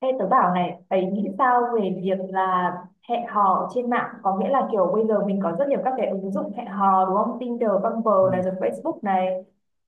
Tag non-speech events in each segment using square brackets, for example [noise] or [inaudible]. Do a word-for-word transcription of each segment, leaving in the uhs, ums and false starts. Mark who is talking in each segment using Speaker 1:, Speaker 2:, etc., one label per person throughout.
Speaker 1: Ê, tớ bảo này, ấy nghĩ sao về việc là hẹn hò trên mạng? Có nghĩa là kiểu bây giờ mình có rất nhiều các cái ứng dụng hẹn hò đúng không? Tinder, Bumble này
Speaker 2: Ừ.
Speaker 1: rồi Facebook này.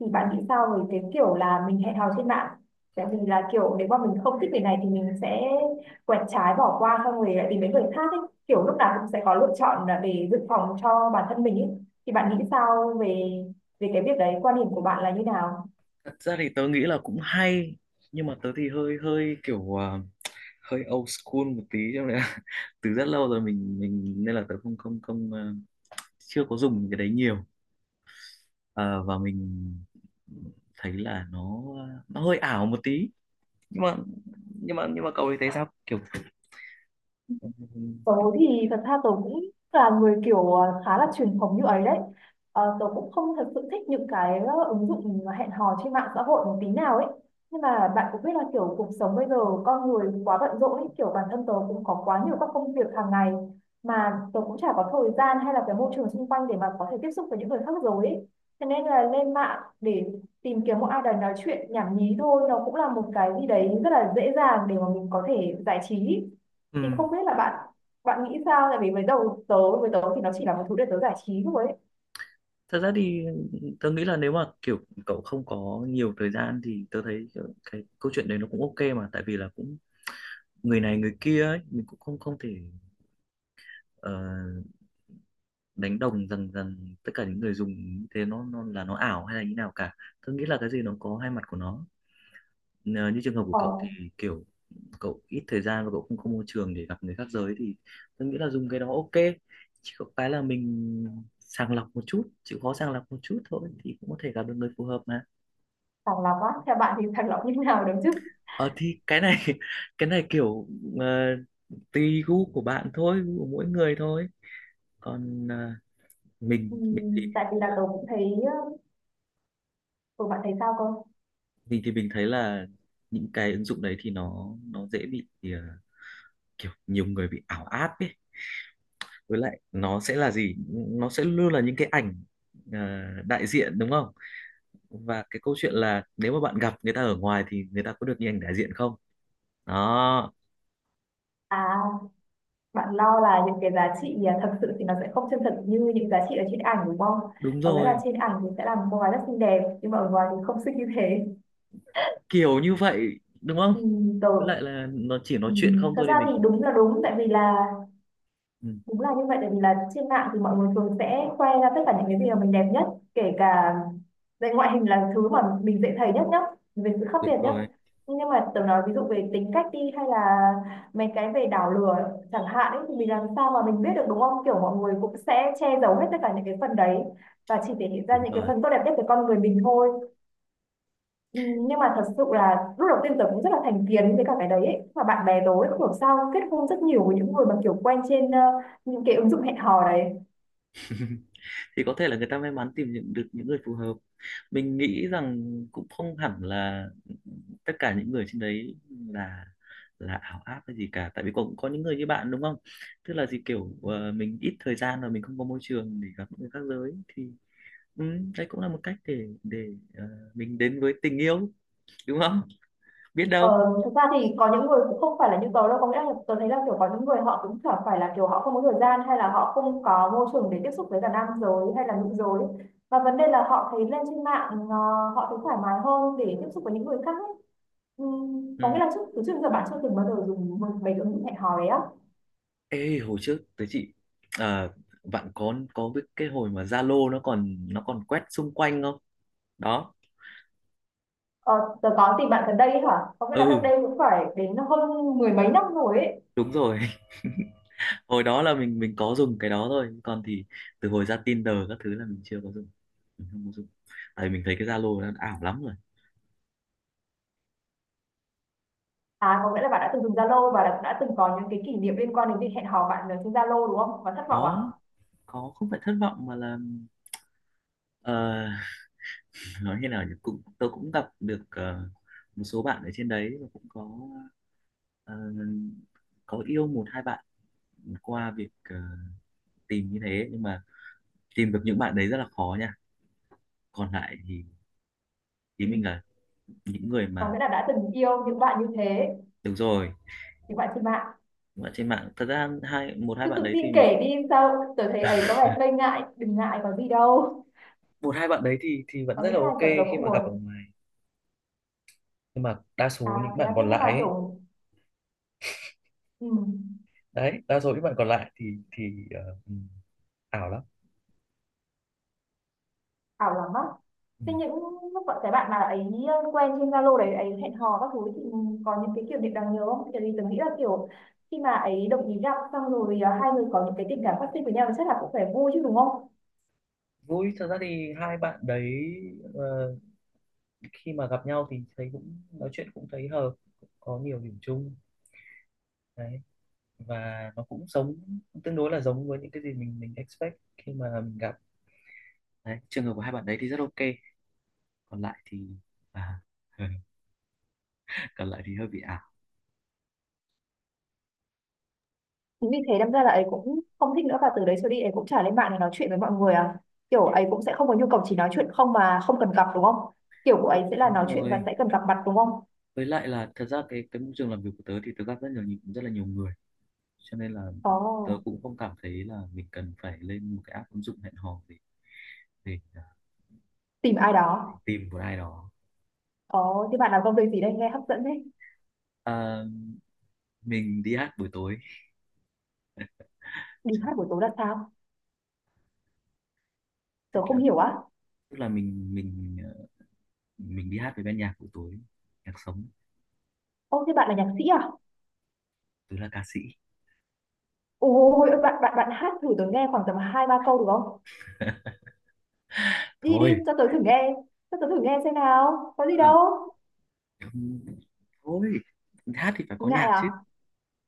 Speaker 1: Thì bạn nghĩ sao về cái kiểu là mình hẹn hò trên mạng? Tại vì là kiểu nếu mà mình không thích người này thì mình sẽ quẹt trái bỏ qua xong rồi lại tìm đến người khác ấy. Kiểu lúc nào cũng sẽ có lựa chọn là để dự phòng cho bản thân mình ấy. Thì bạn nghĩ sao về về cái việc đấy, quan điểm của bạn là như nào?
Speaker 2: Thật ra thì tớ nghĩ là cũng hay nhưng mà tớ thì hơi hơi kiểu à, hơi old school một tí cho nên là [laughs] từ rất lâu rồi mình mình nên là tớ không không không à, chưa có dùng cái đấy nhiều. Ờ, và mình thấy là nó à, nó hơi ảo một tí nhưng mà nhưng mà nhưng mà cậu thì thấy sao kiểu.
Speaker 1: Tớ thì thật ra tớ cũng là người kiểu ờ, khá là truyền thống như ấy đấy. Ờ, tớ cũng không thật sự thích những cái ờ, ứng dụng hẹn hò trên mạng xã hội một tí nào ấy. Nhưng mà bạn cũng biết là kiểu cuộc sống bây giờ con người quá bận rộn ấy, kiểu bản thân tớ cũng có quá nhiều các công việc hàng ngày mà tớ cũng chả có thời gian hay là cái môi trường xung quanh để mà có thể tiếp xúc với những người khác rồi ấy. Thế nên là lên mạng để tìm kiếm một ai đó nói chuyện nhảm nhí thôi nó cũng là một cái gì đấy rất là dễ dàng để mà mình có thể giải trí.
Speaker 2: Ừ.
Speaker 1: Thì không biết là bạn bạn nghĩ sao, tại vì với đầu tớ với tớ thì nó chỉ là một thứ để tớ giải trí thôi ấy.
Speaker 2: Thật ra thì tớ nghĩ là nếu mà kiểu cậu không có nhiều thời gian thì tớ thấy kiểu cái câu chuyện đấy nó cũng ok mà, tại vì là cũng người này người kia ấy, mình cũng không không thể ờ, đánh đồng rằng rằng tất cả những người dùng như thế nó nó là nó ảo hay là như nào cả. Tớ nghĩ là cái gì nó có hai mặt của nó. Ờ, như trường hợp của
Speaker 1: ờ,
Speaker 2: cậu thì kiểu cậu ít thời gian và cậu không có môi trường để gặp người khác giới thì tớ nghĩ là dùng cái đó ok, chỉ có cái là mình sàng lọc một chút, chịu khó sàng lọc một chút thôi thì cũng có thể gặp được người phù hợp mà.
Speaker 1: Sàng lọc á, theo bạn thì sàng lọc như thế nào, đúng chứ?
Speaker 2: ờ thì cái này [laughs] cái này kiểu ờ, tùy gu của bạn thôi, gu của mỗi người thôi. Còn ờ, mình mình thì
Speaker 1: Ừm,
Speaker 2: mình
Speaker 1: tại vì
Speaker 2: thấy
Speaker 1: là
Speaker 2: là
Speaker 1: tớ cũng thấy ừ, bạn thấy sao không?
Speaker 2: mình thì mình thấy là những cái ứng dụng đấy thì nó nó dễ bị ờ, kiểu nhiều người bị ảo áp ấy, với lại nó sẽ là gì, nó sẽ luôn là những cái ảnh ờ, đại diện đúng không, và cái câu chuyện là nếu mà bạn gặp người ta ở ngoài thì người ta có được như ảnh đại diện không. Đó.
Speaker 1: À, bạn lo là những cái giá trị à, thật sự thì nó sẽ không chân thật như những giá trị ở trên ảnh đúng không?
Speaker 2: Đúng
Speaker 1: Có nghĩa là
Speaker 2: rồi,
Speaker 1: trên ảnh thì sẽ là một cô gái rất xinh đẹp nhưng mà ở ngoài thì không xinh như thế.
Speaker 2: kiểu như vậy đúng không.
Speaker 1: Ừm, tớ
Speaker 2: Với lại là nó chỉ nói chuyện
Speaker 1: ừm,
Speaker 2: không
Speaker 1: thật
Speaker 2: thôi
Speaker 1: ra
Speaker 2: thì
Speaker 1: thì
Speaker 2: mình cũng.
Speaker 1: đúng là đúng tại vì là
Speaker 2: Ừ,
Speaker 1: đúng là như vậy. Tại vì là trên mạng thì mọi người thường sẽ khoe ra tất cả những cái gì mà mình đẹp nhất, kể cả về ngoại hình là thứ mà mình dễ thấy nhất nhá, về sự khác
Speaker 2: đúng
Speaker 1: biệt nhá.
Speaker 2: rồi,
Speaker 1: Nhưng mà tớ nói ví dụ về tính cách đi, hay là mấy cái về đảo lừa chẳng hạn ấy, thì mình làm sao mà mình biết được đúng không? Kiểu mọi người cũng sẽ che giấu hết tất cả những cái phần đấy và chỉ thể hiện ra
Speaker 2: đúng
Speaker 1: những cái
Speaker 2: rồi.
Speaker 1: phần tốt đẹp nhất của con người mình thôi. Ừ, nhưng mà thật sự là lúc đầu tiên tớ cũng rất là thành kiến với cả cái đấy ấy. Và bạn bè tớ ấy, không hiểu sao kết hôn rất nhiều với những người mà kiểu quen trên ờ, những cái ứng dụng hẹn hò đấy.
Speaker 2: [laughs] Thì có thể là người ta may mắn tìm những, được những người phù hợp. Mình nghĩ rằng cũng không hẳn là tất cả những người trên đấy là là ảo áp hay gì cả. Tại vì cũng có những người như bạn đúng không? Tức là gì, kiểu ờ, mình ít thời gian và mình không có môi trường để gặp những người khác giới thì, ừ, đấy cũng là một cách để để ờ, mình đến với tình yêu đúng không? Biết đâu.
Speaker 1: ờ, Thực ra thì có những người cũng không phải là như tớ đâu, có nghĩa là tớ thấy là kiểu có những người họ cũng chẳng phải là kiểu họ không có thời gian hay là họ không có môi trường để tiếp xúc với cả nam giới hay là nữ giới, và vấn đề là họ thấy lên trên mạng ờ, họ thấy thoải mái hơn để tiếp xúc với những người khác ấy. Ừ, có nghĩa
Speaker 2: Ừ.
Speaker 1: là trước, từ trước đến giờ bạn chưa từng bao giờ dùng một mấy cái ứng dụng hẹn hò đấy á?
Speaker 2: Ê, hồi trước tới chị à, bạn có có biết cái hồi mà Zalo nó còn nó còn quét xung quanh không? Đó.
Speaker 1: Ờ, tớ có tìm bạn gần đây hả? Có nghĩa là cách
Speaker 2: Ừ,
Speaker 1: đây cũng phải đến hơn mười mấy năm rồi ấy.
Speaker 2: đúng rồi. [laughs] Hồi đó là mình mình có dùng cái đó thôi, còn thì từ hồi ra Tinder các thứ là mình chưa có dùng. Mình không có dùng. Tại mình thấy cái Zalo nó ảo lắm rồi.
Speaker 1: À, có nghĩa là bạn đã từng dùng Zalo và đã, đã từng có những cái kỷ niệm liên quan đến việc hẹn hò bạn ở trên Zalo đúng không? Và thất vọng à?
Speaker 2: Có có không phải thất vọng mà là ờ, [laughs] nói như nào nhỉ? Cũng tôi cũng gặp được ờ, một số bạn ở trên đấy, và cũng có ờ, có yêu một hai bạn qua việc ờ, tìm như thế, nhưng mà tìm được những bạn đấy rất là khó nha, còn lại thì ý
Speaker 1: Ừ.
Speaker 2: mình là những người
Speaker 1: Có
Speaker 2: mà
Speaker 1: nghĩa là đã từng yêu những bạn như thế,
Speaker 2: được rồi,
Speaker 1: những bạn trên mạng.
Speaker 2: những bạn trên mạng thật ra hai một hai
Speaker 1: Cứ
Speaker 2: bạn
Speaker 1: tự
Speaker 2: đấy
Speaker 1: tin
Speaker 2: thì mình
Speaker 1: kể đi sao? Tớ thấy ấy có vẻ hơi ngại, đừng ngại có gì đâu.
Speaker 2: một hai bạn đấy thì thì vẫn
Speaker 1: Có
Speaker 2: rất là
Speaker 1: nghĩa là
Speaker 2: ok
Speaker 1: kiểu tớ
Speaker 2: khi
Speaker 1: cũng
Speaker 2: mà gặp ở
Speaker 1: buồn.
Speaker 2: ngoài, nhưng mà đa số
Speaker 1: À,
Speaker 2: những
Speaker 1: thế là
Speaker 2: bạn
Speaker 1: thế
Speaker 2: còn
Speaker 1: nhưng
Speaker 2: lại
Speaker 1: mà
Speaker 2: ấy,
Speaker 1: kiểu... Ừ.
Speaker 2: đấy đa số những bạn còn lại thì thì ờ, ừ, ảo lắm.
Speaker 1: Ảo lắm á?
Speaker 2: Ừ.
Speaker 1: Thế những lúc bọn cái bạn mà ấy quen trên Zalo đấy ấy hẹn hò các thứ thì có những cái kiểu niệm đáng nhớ không? Tại vì tưởng nghĩ là kiểu khi mà ấy đồng ý gặp xong rồi à, hai người có những cái tình cảm phát sinh với nhau thì chắc là cũng phải vui chứ đúng không?
Speaker 2: Vui thật ra thì hai bạn đấy ờ, khi mà gặp nhau thì thấy cũng nói chuyện, cũng thấy hợp, cũng có nhiều điểm chung. Đấy, và nó cũng giống tương đối là giống với những cái gì mình mình expect khi mà mình gặp. Đấy, trường hợp của hai bạn đấy thì rất ok, còn lại thì à, [laughs] còn lại thì hơi bị ảo.
Speaker 1: Chính vì thế đâm ra là ấy cũng không thích nữa, và từ đấy trở đi ấy cũng chả lên mạng để nói chuyện với mọi người à? Kiểu ấy cũng sẽ không có nhu cầu chỉ nói chuyện không mà không cần gặp đúng không? Kiểu của ấy sẽ là
Speaker 2: Đúng
Speaker 1: nói chuyện và
Speaker 2: rồi,
Speaker 1: sẽ cần gặp mặt đúng không?
Speaker 2: với lại là thật ra cái cái môi trường làm việc của tớ thì tớ gặp rất nhiều nhị- rất là nhiều người, cho nên là tớ
Speaker 1: Ồ,
Speaker 2: cũng không cảm thấy là mình cần phải lên một cái app ứng dụng hẹn hò để để, à,
Speaker 1: tìm ai
Speaker 2: để
Speaker 1: đó.
Speaker 2: tìm một ai đó.
Speaker 1: Ồ, thế bạn làm công việc gì đây, nghe hấp dẫn đấy.
Speaker 2: À, mình đi hát buổi tối,
Speaker 1: Đi
Speaker 2: cho
Speaker 1: hát
Speaker 2: nên,
Speaker 1: buổi tối là sao?
Speaker 2: tức
Speaker 1: Tớ
Speaker 2: là
Speaker 1: không hiểu á.
Speaker 2: tức là mình mình ờ, mình đi hát với ban nhạc buổi tối, nhạc sống.
Speaker 1: Ô thế bạn là nhạc sĩ à?
Speaker 2: Tớ là ca sĩ
Speaker 1: Ôi, bạn bạn bạn hát thử tớ nghe khoảng tầm hai ba câu được không? Đi đi
Speaker 2: thôi.
Speaker 1: cho tớ thử nghe, cho tớ thử nghe xem nào. Có gì
Speaker 2: ờ,
Speaker 1: đâu.
Speaker 2: Thôi, hát thì phải có
Speaker 1: Ngại
Speaker 2: nhạc chứ.
Speaker 1: à?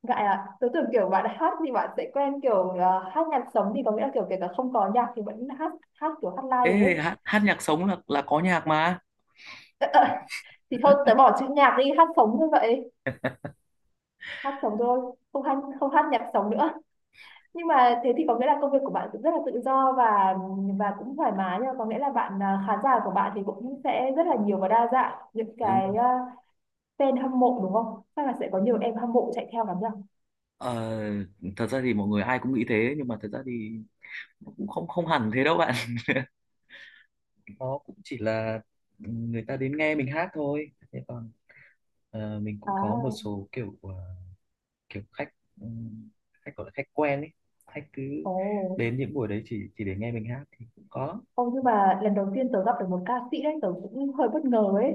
Speaker 1: Ngại à? Tớ tưởng kiểu bạn hát thì bạn sẽ quen kiểu ờ, hát nhạc sống thì có nghĩa là kiểu kể cả không có nhạc thì vẫn hát hát kiểu hát live được ấy.
Speaker 2: Ê hát, hát nhạc sống là là có nhạc mà.
Speaker 1: Thì thôi tớ bỏ chữ nhạc đi, hát sống như vậy. Hát sống thôi, không hát không hát nhạc sống nữa. Nhưng mà thế thì có nghĩa là công việc của bạn cũng rất là tự do và và cũng thoải mái nha, có nghĩa là bạn à, khán giả của bạn thì cũng sẽ rất là nhiều và đa dạng những
Speaker 2: Đúng rồi.
Speaker 1: cái à, fan hâm mộ đúng không? Chắc là sẽ có nhiều em hâm mộ chạy theo lắm nhỉ?
Speaker 2: ờ, Thật ra thì mọi người ai cũng nghĩ thế, nhưng mà thật ra thì nó cũng không không hẳn thế đâu bạn. [laughs] Nó cũng chỉ là người ta đến nghe mình hát thôi, thế còn ờ, mình cũng
Speaker 1: À,
Speaker 2: có một số kiểu ờ, kiểu khách, ừm, khách gọi là khách quen ấy, khách cứ
Speaker 1: ồ.
Speaker 2: đến những buổi đấy chỉ chỉ để nghe mình hát thì cũng có.
Speaker 1: Ô, nhưng mà lần đầu tiên tớ gặp được một ca sĩ đấy, tớ cũng hơi bất ngờ ấy.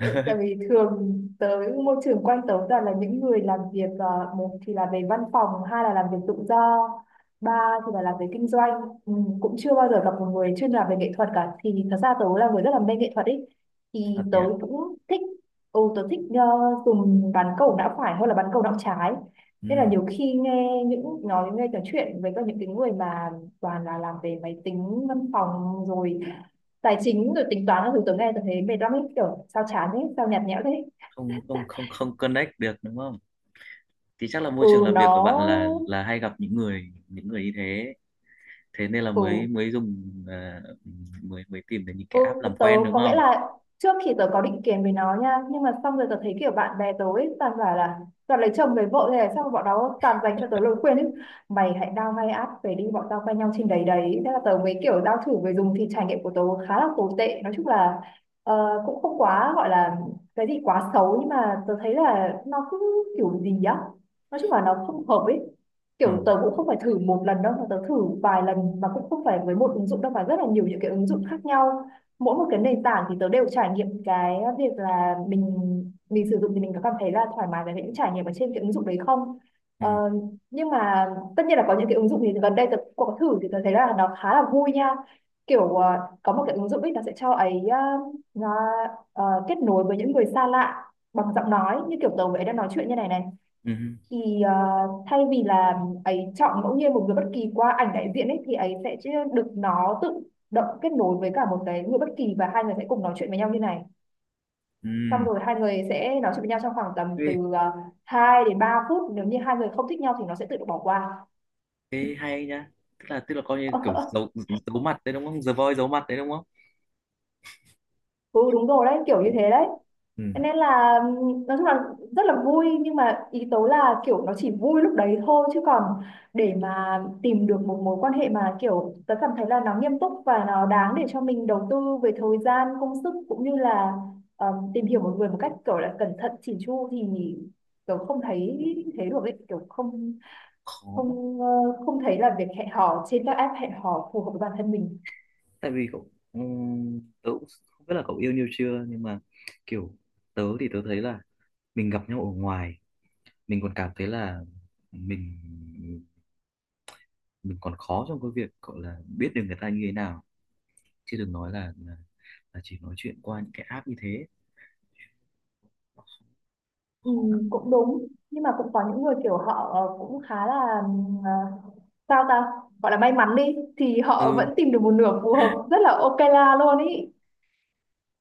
Speaker 1: Ờ, tại vì thường tớ, môi trường quanh tớ toàn là những người làm việc, ờ, một thì là về văn phòng, hai là làm việc tự do, ba thì là làm về kinh doanh. Ừ, cũng chưa bao giờ gặp một người chuyên làm về nghệ thuật cả. Thì thật ra tớ là người rất là mê nghệ thuật ấy. Thì
Speaker 2: Thật
Speaker 1: tớ
Speaker 2: nhá.
Speaker 1: cũng thích, ừ, tớ thích ờ, dùng bán cầu não phải hơn là bán cầu não trái. Nên là
Speaker 2: Ừ.
Speaker 1: nhiều khi nghe những nói nghe trò chuyện với các những cái người mà toàn là làm về máy tính văn phòng rồi tài chính rồi tính toán các thứ, tớ nghe tôi thấy mệt lắm ấy, kiểu sao chán thế, sao nhạt nhẽo thế.
Speaker 2: không không không không connect được đúng không, thì chắc là môi
Speaker 1: Ừ
Speaker 2: trường làm việc của bạn
Speaker 1: nó
Speaker 2: là là hay gặp những người những người như thế, thế nên là mới
Speaker 1: ừ.
Speaker 2: mới dùng à, mới mới tìm đến những
Speaker 1: Ừ,
Speaker 2: cái app làm
Speaker 1: tớ
Speaker 2: quen đúng
Speaker 1: có nghĩa
Speaker 2: không.
Speaker 1: là trước thì tớ có định kiến với nó nha, nhưng mà xong rồi tớ thấy kiểu bạn bè tớ ấy toàn bảo là toàn lấy chồng lấy vợ thế này, xong rồi bọn nó toàn dành cho tớ lời khuyên ấy, mày hãy đao ngay áp về đi, bọn tao quen nhau trên đấy đấy. Thế là tớ mới kiểu đao thử về dùng thì trải nghiệm của tớ khá là tồi tệ. Nói chung là ờ, cũng không quá gọi là cái gì quá xấu, nhưng mà tớ thấy là nó cứ kiểu gì á, nói chung là nó không hợp ấy.
Speaker 2: Ừ,
Speaker 1: Kiểu tớ cũng không phải thử một lần đâu mà tớ thử vài lần, mà cũng không phải với một ứng dụng đâu mà rất là nhiều những cái ứng dụng khác nhau. Mỗi một cái nền tảng thì tớ đều trải nghiệm cái việc là mình mình sử dụng thì mình có cảm thấy là thoải mái với những trải nghiệm ở trên cái ứng dụng đấy không.
Speaker 2: ừ.
Speaker 1: ờ, nhưng mà tất nhiên là có những cái ứng dụng thì gần đây tớ cũng có thử thì tớ thấy là nó khá là vui nha. Kiểu ờ, có một cái ứng dụng ấy nó sẽ cho ấy ờ, nó ờ, kết nối với những người xa lạ bằng giọng nói như kiểu tớ với ấy đang nói chuyện như này này.
Speaker 2: Ừ, ừ.
Speaker 1: Thì ờ, thay vì là ấy chọn ngẫu nhiên một người bất kỳ qua ảnh đại diện ấy thì ấy sẽ chứ được nó tự động kết nối với cả một cái người bất kỳ và hai người sẽ cùng nói chuyện với nhau như này.
Speaker 2: Ừ.
Speaker 1: Xong rồi hai người sẽ nói chuyện với nhau trong khoảng tầm
Speaker 2: Ê,
Speaker 1: từ uh, hai đến ba phút, nếu như hai người không thích nhau thì nó sẽ tự động bỏ qua.
Speaker 2: thế hay nhá, tức là tức là coi như kiểu
Speaker 1: [laughs]
Speaker 2: giấu giấu mặt đấy đúng không, The Voice giấu mặt đấy đúng không.
Speaker 1: Ừ đúng rồi đấy, kiểu
Speaker 2: Ừ,
Speaker 1: như thế đấy.
Speaker 2: ừ.
Speaker 1: Thế nên là nói chung là rất là vui, nhưng mà ý tố là kiểu nó chỉ vui lúc đấy thôi, chứ còn để mà tìm được một mối quan hệ mà kiểu tớ cảm thấy là nó nghiêm túc và nó đáng để cho mình đầu tư về thời gian công sức cũng như là ừm, tìm hiểu một người một cách kiểu là cẩn thận chỉn chu thì tớ không thấy thế được ấy, kiểu không,
Speaker 2: Khó lắm.
Speaker 1: không ờ, không thấy là việc hẹn hò trên các app hẹn hò phù hợp với bản thân mình.
Speaker 2: Tại vì cậu, ừ, tớ cũng không biết là cậu yêu nhau chưa nhưng mà kiểu tớ thì tớ thấy là mình gặp nhau ở ngoài mình còn cảm thấy là mình mình còn khó trong cái việc gọi là biết được người ta như thế nào, chứ đừng nói là là, là chỉ nói chuyện qua những cái app như thế. Nó khó,
Speaker 1: Ừ,
Speaker 2: khó lắm.
Speaker 1: cũng đúng nhưng mà cũng có những người kiểu họ ờ, cũng khá là ờ, sao ta, gọi là may mắn đi, thì họ
Speaker 2: Ừ,
Speaker 1: vẫn tìm được một nửa phù hợp rất là ok la luôn ý.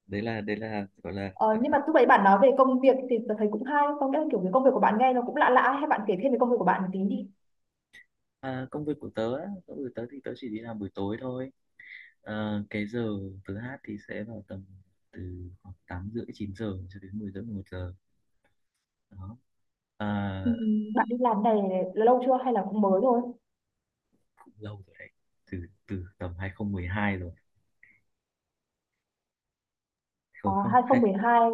Speaker 2: đấy là đấy là gọi là.
Speaker 1: Ờ, nhưng mà lúc đấy bạn nói về công việc thì tôi thấy cũng hay, không nghĩa kiểu cái công việc của bạn nghe nó cũng lạ lạ, hay bạn kể thêm về công việc của bạn một tí đi.
Speaker 2: Ờ, à, công việc của tớ á, công việc của tớ thì tớ chỉ đi làm buổi tối thôi. Ờ, cái giờ tớ hát thì sẽ vào tầm từ khoảng tám rưỡi chín giờ cho đến mười rưỡi mười một giờ. Đó. à,
Speaker 1: Ừ, bạn đi làm này là lâu chưa hay là cũng mới thôi?
Speaker 2: Cũng lâu rồi đấy, từ từ tầm hai không một hai rồi.
Speaker 1: ờ,
Speaker 2: Không, không.
Speaker 1: hai không một hai?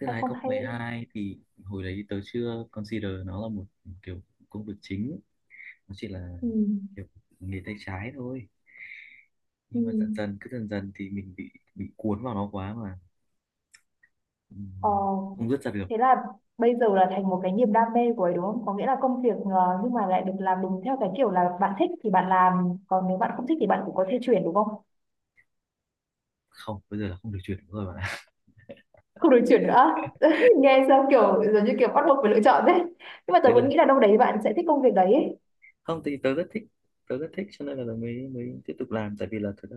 Speaker 2: Tức là
Speaker 1: hai không hai không.
Speaker 2: hai không một hai thì hồi đấy tớ chưa consider nó là một kiểu công việc chính, nó chỉ là
Speaker 1: Ừ,
Speaker 2: kiểu nghề tay trái thôi.
Speaker 1: ừ.
Speaker 2: Nhưng mà dần dần cứ dần dần thì mình bị bị cuốn vào nó quá mà,
Speaker 1: Ờ,
Speaker 2: ừm, không dứt ra được.
Speaker 1: thế là bây giờ là thành một cái niềm đam mê của ấy đúng không? Có nghĩa là công việc ờ, nhưng mà lại được làm đúng theo cái kiểu là bạn thích thì bạn làm, còn nếu bạn không thích thì bạn cũng có thể chuyển đúng không?
Speaker 2: Không, bây giờ là không được chuyển nữa rồi bạn ạ.
Speaker 1: Không được chuyển nữa. [laughs] Nghe sao kiểu giống như kiểu bắt buộc phải lựa chọn đấy. Nhưng mà
Speaker 2: [laughs]
Speaker 1: tớ
Speaker 2: Đấy là
Speaker 1: vẫn nghĩ là đâu đấy bạn sẽ thích công việc đấy ấy.
Speaker 2: không, thì tớ rất thích, tớ rất thích cho nên là mới mới tiếp tục làm, tại vì là thật ra,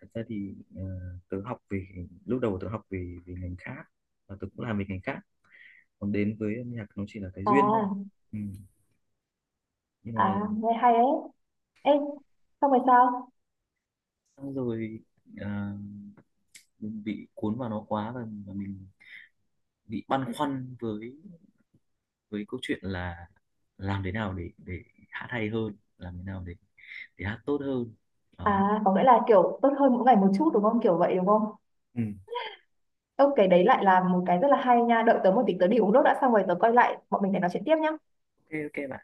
Speaker 2: thật ra thì ờ, tớ học về lúc đầu tớ học về về ngành khác và tớ cũng làm về ngành khác, còn đến với âm nhạc nó chỉ là cái duyên thôi.
Speaker 1: À,
Speaker 2: Ừ. Nhưng
Speaker 1: à,
Speaker 2: mà
Speaker 1: nghe hay ấy. Ê, xong rồi sao?
Speaker 2: xong rồi à, mình bị cuốn vào nó quá, và, và mình bị băn khoăn với với câu chuyện là làm thế nào để để hát hay hơn, làm thế nào để để hát tốt hơn. Đó.
Speaker 1: À, có nghĩa là kiểu tốt hơn mỗi ngày một chút đúng không? Kiểu vậy đúng không?
Speaker 2: Ừ.
Speaker 1: Ok, đấy lại là một cái rất là hay nha. Đợi tớ một tí tớ đi uống nước đã xong rồi tớ quay lại bọn mình để nói chuyện tiếp nhá.
Speaker 2: Ok ok bạn.